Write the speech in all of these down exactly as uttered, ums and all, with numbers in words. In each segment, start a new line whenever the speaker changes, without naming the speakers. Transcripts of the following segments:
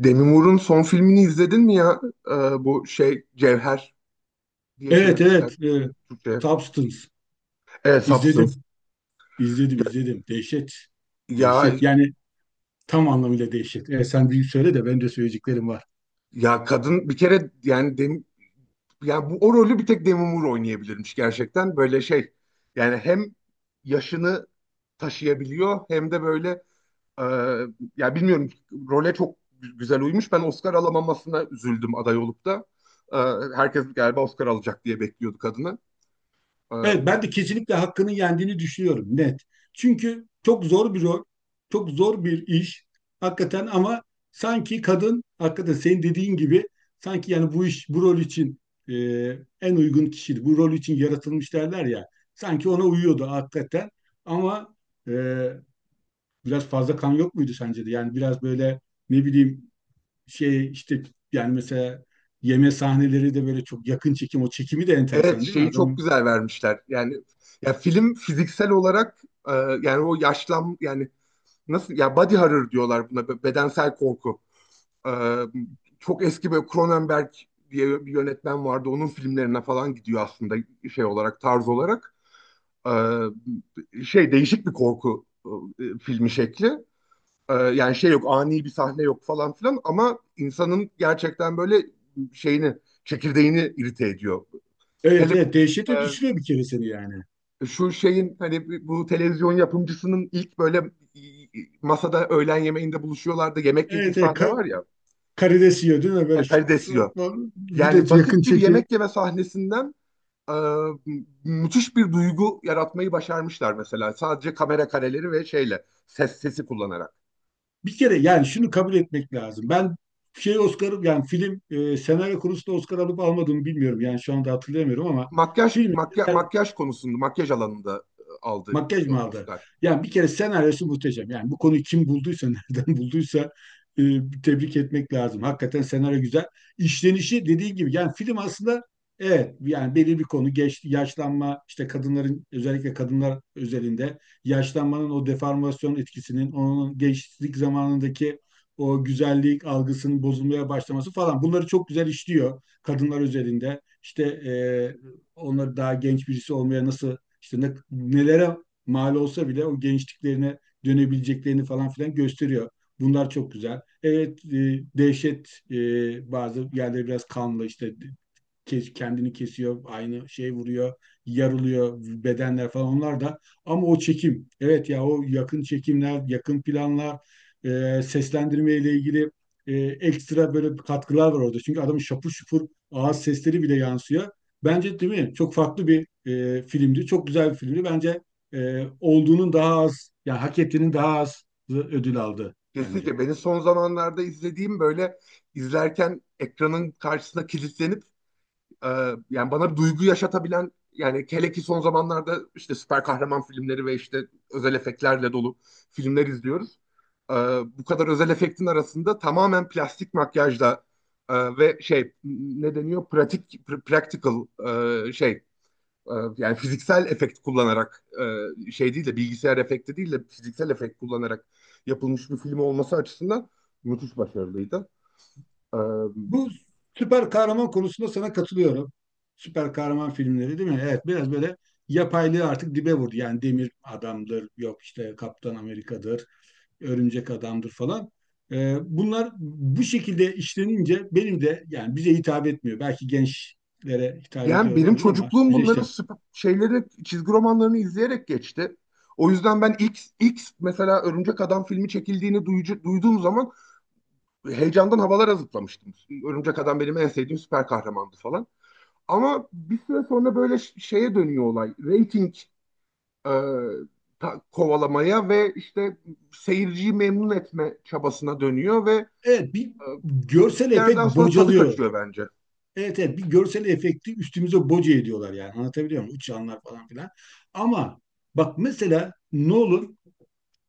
Demi Moore'un son filmini izledin mi ya? Ee, Bu şey Cevher diye
Evet
çevirmişler
evet. E,
Türkiye, Türkçe'ye.
Substance.
Evet, Substance.
İzledim. İzledim izledim. Dehşet.
Ya
Dehşet. Yani tam anlamıyla dehşet. Evet sen bir söyle de ben de söyleyeceklerim var.
ya kadın bir kere yani Demi, yani bu o rolü bir tek Demi Moore oynayabilirmiş gerçekten. Böyle şey yani hem yaşını taşıyabiliyor hem de böyle e, ya bilmiyorum role çok gü- güzel uymuş. Ben Oscar alamamasına üzüldüm aday olup da. Ee, Herkes galiba Oscar alacak diye bekliyordu kadını. E,
Evet, ben de kesinlikle hakkının yendiğini düşünüyorum net. Çünkü çok zor bir rol, çok zor bir iş hakikaten ama sanki kadın hakikaten senin dediğin gibi sanki yani bu iş bu rol için e, en uygun kişiydi. Bu rol için yaratılmış derler ya. Sanki ona uyuyordu hakikaten ama e, biraz fazla kan yok muydu sence de? Yani biraz böyle ne bileyim şey işte yani mesela yeme sahneleri de böyle çok yakın çekim o çekimi de
Evet,
enteresan değil mi?
şeyi çok
Adamın
güzel vermişler. Yani ya film fiziksel olarak e, yani o yaşlan yani nasıl ya, body horror diyorlar buna, be- bedensel korku. E, Çok eski böyle Cronenberg diye bir yönetmen vardı. Onun filmlerine falan gidiyor aslında şey olarak, tarz olarak. E, şey, değişik bir korku e, filmi şekli. E, yani şey, yok ani bir sahne yok falan filan ama insanın gerçekten böyle şeyini, çekirdeğini irite ediyor.
evet
Hele bu
evet dehşete
e,
düşürüyor bir kere seni yani.
şu şeyin, hani bu bu televizyon yapımcısının ilk böyle e, masada öğlen yemeğinde buluşuyorlardı. Yemek yediği
Evet evet
sahne
ka-
var ya.
karides yiyor değil mi?
E,
Böyle şaf
Karides
şaf
yiyor.
falan. Bir
Yani
de yakın
basit bir
çekim.
yemek yeme sahnesinden e, müthiş bir duygu yaratmayı başarmışlar mesela. Sadece kamera kareleri ve şeyle, ses sesi kullanarak.
Bir kere yani şunu kabul etmek lazım. Ben şey Oscar'ı yani film e, senaryo konusunda Oscar alıp almadığımı bilmiyorum. Yani şu anda hatırlayamıyorum ama
Makyaj
film
makya, makyaj konusunda, makyaj alanında e, aldı
makyaj
e,
mı aldı?
Oscar.
Yani bir kere senaryosu muhteşem. Yani bu konuyu kim bulduysa, nereden bulduysa e, tebrik etmek lazım. Hakikaten senaryo güzel. İşlenişi dediğin gibi yani film aslında evet yani belirli bir konu geç, yaşlanma işte kadınların özellikle kadınlar özelinde yaşlanmanın o deformasyon etkisinin onun gençlik zamanındaki o güzellik algısının bozulmaya başlaması falan bunları çok güzel işliyor kadınlar özelinde. İşte e, onları daha genç birisi olmaya nasıl işte ne, nelere mal olsa bile o gençliklerine dönebileceklerini falan filan gösteriyor. Bunlar çok güzel. Evet, e, dehşet e, bazı yerleri biraz kanlı işte kes- kendini kesiyor, aynı şey vuruyor, yarılıyor bedenler falan onlar da. Ama o çekim, evet ya o yakın çekimler, yakın planlar, e, seslendirme ile ilgili e, ekstra böyle katkılar var orada. Çünkü adamın şapur şupur ağız sesleri bile yansıyor. Bence değil mi? Çok farklı bir e, filmdi. Çok güzel bir filmdi. Bence e, olduğunun daha az, yani hak ettiğinin daha az ödül aldı bence.
Kesinlikle beni son zamanlarda izlediğim böyle, izlerken ekranın karşısına kilitlenip Ee, yani bana bir duygu yaşatabilen, yani hele ki son zamanlarda işte süper kahraman filmleri ve işte özel efektlerle dolu filmler izliyoruz. Ee, Bu kadar özel efektin arasında tamamen plastik makyajla e, ve şey, ne deniyor? Pratik, pr- practical e, şey e, yani fiziksel efekt kullanarak e, şey değil de, bilgisayar efekti değil de fiziksel efekt kullanarak yapılmış bir film olması açısından müthiş başarılıydı. Ee,
Bu süper kahraman konusunda sana katılıyorum. Süper kahraman filmleri değil mi? Evet biraz böyle yapaylığı artık dibe vurdu. Yani Demir Adam'dır, yok işte Kaptan Amerika'dır, Örümcek Adam'dır falan. Ee, bunlar bu şekilde işlenince benim de yani bize hitap etmiyor. Belki gençlere hitap ediyor
Yani benim
olabilir ama
çocukluğum
bize
bunların
işte.
süp- şeyleri, çizgi romanlarını izleyerek geçti. O yüzden ben ilk, ilk mesela Örümcek Adam filmi çekildiğini duyucu, duyduğum zaman heyecandan havalara zıplamıştım. Örümcek Adam benim en sevdiğim süper kahramandı falan. Ama bir süre sonra böyle ş- şeye dönüyor olay. Rating e, ta- kovalamaya ve işte seyirciyi memnun etme çabasına dönüyor ve
Evet bir
e,
görsel
bir
efekt
yerden sonra tadı
bocalıyordu.
kaçıyor bence.
Evet evet bir görsel efekti üstümüze boca ediyorlar yani anlatabiliyor muyum? Uçanlar falan filan. Ama bak mesela ne olur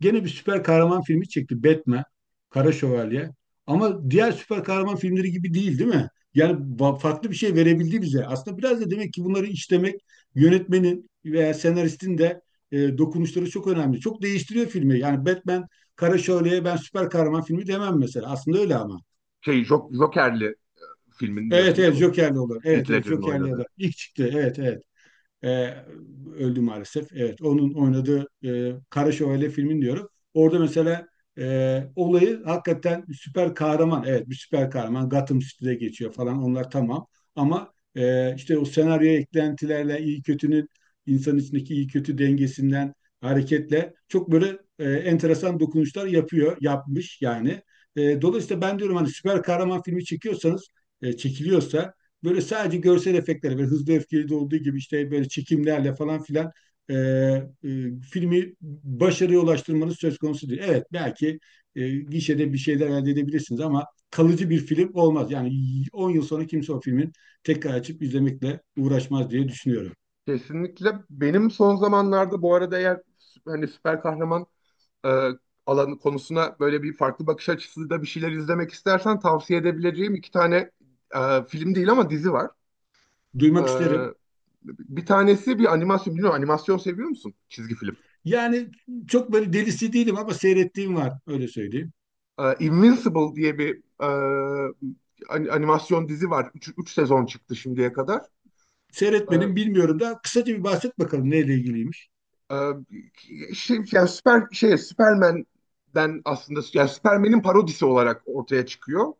gene bir süper kahraman filmi çekti. Batman, Kara Şövalye. Ama diğer süper kahraman filmleri gibi değil, değil mi? Yani ba- farklı bir şey verebildi bize. Aslında biraz da demek ki bunları işlemek yönetmenin veya senaristin de e, dokunuşları çok önemli. Çok değiştiriyor filmi. Yani Batman, Kara Şövalye'ye ben süper kahraman filmi demem mesela. Aslında öyle ama.
Şey, Jok- Joker'li filmin
Evet
diyorsun
evet
değil mi?
Joker'li olur. Evet
Heath
evet
Ledger'ın
Joker'li olur.
oynadığı.
İlk çıktı. Evet evet. E, Öldü maalesef. Evet, onun oynadığı e, Kara Şövalye filmin diyorum. Orada mesela e, olayı hakikaten bir süper kahraman. Evet, bir süper kahraman. Gotham City'de geçiyor falan. Onlar tamam. Ama e, işte o senaryoya eklentilerle iyi kötünün insan içindeki iyi kötü dengesinden hareketle çok böyle e, enteresan dokunuşlar yapıyor, yapmış yani. E, dolayısıyla ben diyorum hani süper kahraman filmi çekiyorsanız, e, çekiliyorsa böyle sadece görsel efektleri, böyle Hızlı ve Öfkeli'de olduğu gibi işte böyle çekimlerle falan filan e, e, filmi başarıya ulaştırmanız söz konusu değil. Evet belki e, gişede bir şeyler elde edebilirsiniz ama kalıcı bir film olmaz. Yani on yıl sonra kimse o filmin tekrar açıp izlemekle uğraşmaz diye düşünüyorum.
Kesinlikle. Benim son zamanlarda bu arada, eğer sü- hani süper kahraman e, alanı konusuna böyle bir farklı bakış açısıyla bir şeyler izlemek istersen, tavsiye edebileceğim iki tane e, film değil ama dizi var. E,
Duymak isterim.
Bir tanesi bir animasyon. Bilmiyorum, animasyon seviyor musun? Çizgi film.
Yani çok böyle delisi değilim ama seyrettiğim var öyle söyleyeyim.
E, Invincible diye bir e, an- animasyon dizi var. Üç, üç sezon çıktı şimdiye kadar. E,
Seyretmedim bilmiyorum da kısaca bir bahset bakalım neyle ilgiliymiş.
Ee, Şey, yani süper şey Superman'den aslında, yani Superman'in parodisi olarak ortaya çıkıyor.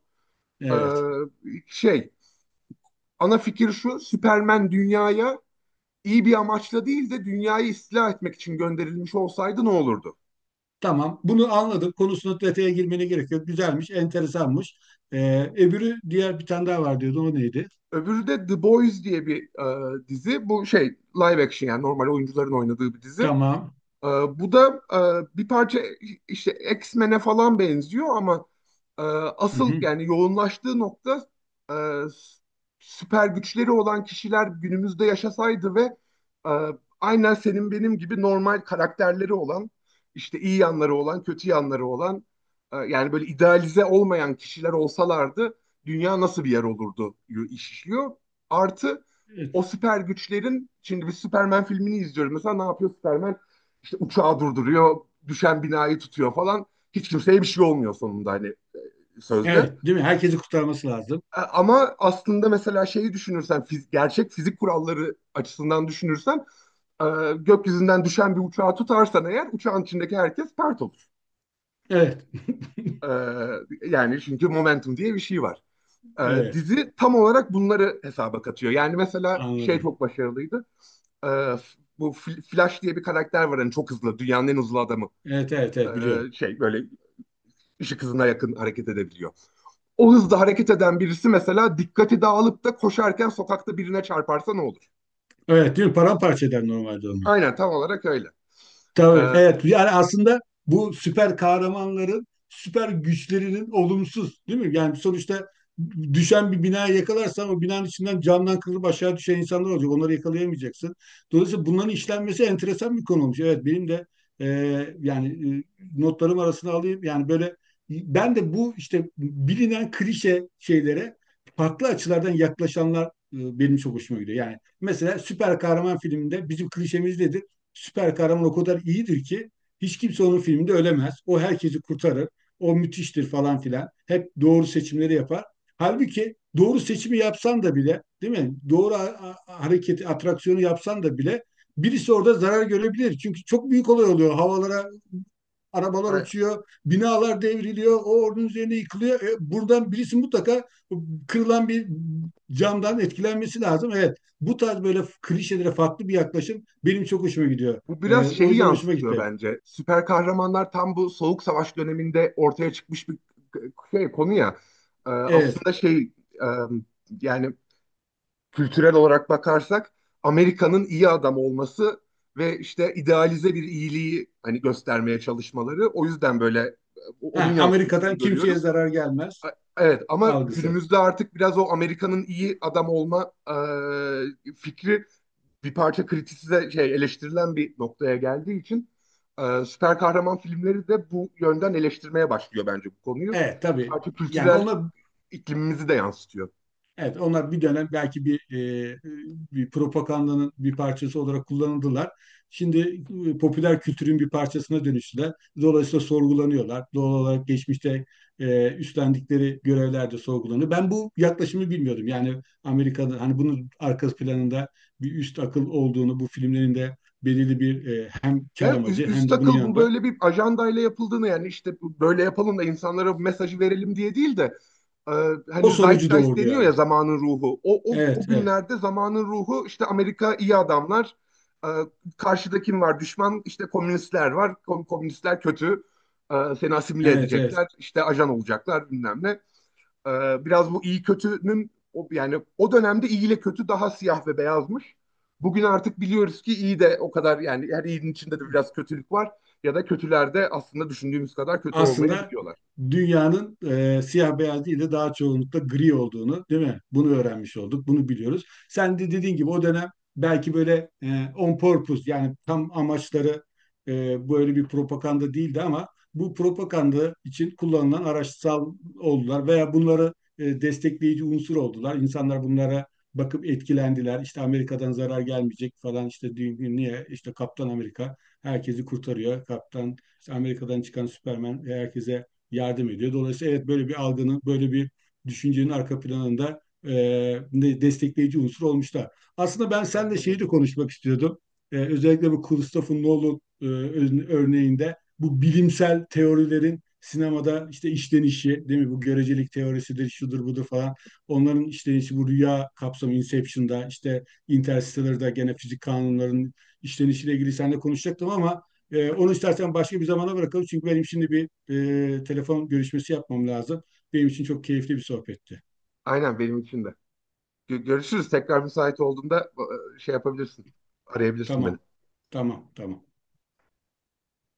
Ee,
Evet.
şey Ana fikir şu: Superman dünyaya iyi bir amaçla değil de dünyayı istila etmek için gönderilmiş olsaydı ne olurdu?
Tamam, bunu anladım. Konusuna detaya girmene gerek yok. Güzelmiş, enteresanmış. Ee, öbürü diğer bir tane daha var diyordu. O neydi?
Öbürü de The Boys diye bir e, dizi. Bu şey, live action, yani normal oyuncuların oynadığı bir dizi.
Tamam.
Ee, Bu da e, bir parça işte X-Men'e falan benziyor ama e,
Hı
asıl
hı.
yani yoğunlaştığı nokta, e, s- süper güçleri olan kişiler günümüzde yaşasaydı ve e, aynen senin benim gibi normal karakterleri olan, işte iyi yanları olan, kötü yanları olan, e, yani böyle idealize olmayan kişiler olsalardı dünya nasıl bir yer olurdu, iş işliyor. Artı, o
Evet.
süper güçlerin, şimdi bir Superman filmini izliyorum mesela, ne yapıyor Superman? İşte uçağı durduruyor, düşen binayı tutuyor falan. Hiç kimseye bir şey olmuyor sonunda, hani sözde.
Evet, değil mi? Herkesi kurtarması lazım.
E, Ama aslında mesela şeyi düşünürsen, fiz- gerçek fizik kuralları açısından düşünürsen e, gökyüzünden düşen bir uçağı tutarsan eğer, uçağın içindeki herkes pert olur.
Evet,
E, Yani çünkü momentum diye bir şey var. E,
evet.
dizi tam olarak bunları hesaba katıyor. Yani mesela şey
Anladım.
çok başarılıydı. E, Bu Fl- Flash diye bir karakter var, hani çok hızlı, dünyanın en hızlı adamı.
Evet, evet,
E,
evet biliyorum.
şey böyle ışık hızına yakın hareket edebiliyor. O hızda hareket eden birisi mesela dikkati dağılıp da koşarken sokakta birine çarparsa ne olur?
Evet, değil mi? Paramparça eder normalde onu.
Aynen, tam olarak öyle.
Tabii,
Ee,
evet. Yani aslında bu süper kahramanların süper güçlerinin olumsuz, değil mi? Yani sonuçta düşen bir binaya yakalarsan o binanın içinden camdan kırılıp aşağı düşen insanlar olacak. Onları yakalayamayacaksın. Dolayısıyla bunların işlenmesi enteresan bir konu olmuş. Evet, benim de e, yani e, notlarım arasına alayım. Yani böyle ben de bu işte bilinen klişe şeylere farklı açılardan yaklaşanlar e, benim çok hoşuma gidiyor. Yani mesela süper kahraman filminde bizim klişemiz nedir? Süper kahraman o kadar iyidir ki hiç kimse onun filminde ölemez. O herkesi kurtarır. O müthiştir falan filan. Hep doğru seçimleri yapar. Halbuki doğru seçimi yapsan da bile, değil mi? Doğru hareketi, atraksiyonu yapsan da bile birisi orada zarar görebilir. Çünkü çok büyük olay oluyor. Havalara arabalar uçuyor, binalar devriliyor, o onun üzerine yıkılıyor. E, buradan birisi mutlaka kırılan bir camdan etkilenmesi lazım. Evet, bu tarz böyle klişelere farklı bir yaklaşım benim çok hoşuma gidiyor.
Bu
E,
biraz
o
şeyi
yüzden hoşuma
yansıtıyor
gitti.
bence. Süper kahramanlar tam bu soğuk savaş döneminde ortaya çıkmış bir şey, konu ya. Ee,
Evet,
aslında şey e, yani kültürel olarak bakarsak, Amerika'nın iyi adam olması ve işte idealize bir iyiliği hani göstermeye çalışmaları, o yüzden böyle e, onun
ha,
yansımasını
Amerika'dan kimseye
görüyoruz.
zarar gelmez
A- Evet, ama
algısı.
günümüzde artık biraz o Amerika'nın iyi adam olma e, fikri bir parça kritisize şey, eleştirilen bir noktaya geldiği için e, süper kahraman filmleri de bu yönden eleştirmeye başlıyor bence bu konuyu.
Evet, tabii.
Artık
Yani
kültürel
ona
iklimimizi de yansıtıyor.
evet, onlar bir dönem belki bir, e, bir propagandanın bir parçası olarak kullanıldılar. Şimdi e, popüler kültürün bir parçasına dönüştüler. Dolayısıyla sorgulanıyorlar. Doğal olarak geçmişte e, üstlendikleri görevler de sorgulanıyor. Ben bu yaklaşımı bilmiyordum. Yani Amerika'da hani bunun arka planında bir üst akıl olduğunu, bu filmlerin de belirli bir e, hem kar
Yani üst,
amacı hem
üst
de bunun
akıl bu
yanında
böyle bir ajandayla yapıldığını, yani işte böyle yapalım da insanlara bu mesajı verelim diye değil de e,
o
hani
sonucu
Zeitgeist
doğurdu
deniyor
yani.
ya, zamanın ruhu. O, o,
Evet,
o
evet,
günlerde zamanın ruhu işte Amerika iyi adamlar, e, karşıda kim var? Düşman, işte komünistler var. Kom- komünistler kötü, e, seni asimile
evet, evet.
edecekler, işte ajan olacaklar bilmem ne. Ee, biraz bu iyi kötünün o, yani o dönemde iyi ile kötü daha siyah ve beyazmış. Bugün artık biliyoruz ki iyi de o kadar, yani her iyinin içinde de biraz kötülük var ya da kötüler de aslında düşündüğümüz kadar kötü
Aslında
olmayabiliyorlar.
dünyanın e, siyah beyaz değil de daha çoğunlukla gri olduğunu, değil mi? Bunu öğrenmiş olduk, bunu biliyoruz. Sen de dediğin gibi o dönem belki böyle e, on purpose yani tam amaçları e, böyle bir propaganda değildi ama bu propaganda için kullanılan araçsal oldular veya bunları e, destekleyici unsur oldular. İnsanlar bunlara bakıp etkilendiler. İşte Amerika'dan zarar gelmeyecek falan işte dü- niye işte Kaptan Amerika herkesi kurtarıyor. Kaptan işte Amerika'dan çıkan Superman e, herkese yardım ediyor. Dolayısıyla evet böyle bir algının, böyle bir düşüncenin arka planında e, destekleyici unsur olmuşlar. Aslında ben seninle
Aynen
şeyi de
öyle.
konuşmak istiyordum. E, özellikle bu Christopher Nolan e, örneğinde bu bilimsel teorilerin sinemada işte işlenişi, değil mi? Bu görecelik teorisidir, şudur budur falan. Onların işlenişi bu rüya kapsamı Inception'da, işte Interstellar'da gene fizik kanunlarının işlenişiyle ilgili seninle konuşacaktım ama ee, onu istersen başka bir zamana bırakalım. Çünkü benim şimdi bir e, telefon görüşmesi yapmam lazım. Benim için çok keyifli bir sohbetti.
Aynen benim için de. Gö- Görüşürüz. Tekrar müsait olduğunda e, şey yapabilirsin. Arayabilirsin beni.
Tamam, tamam, tamam.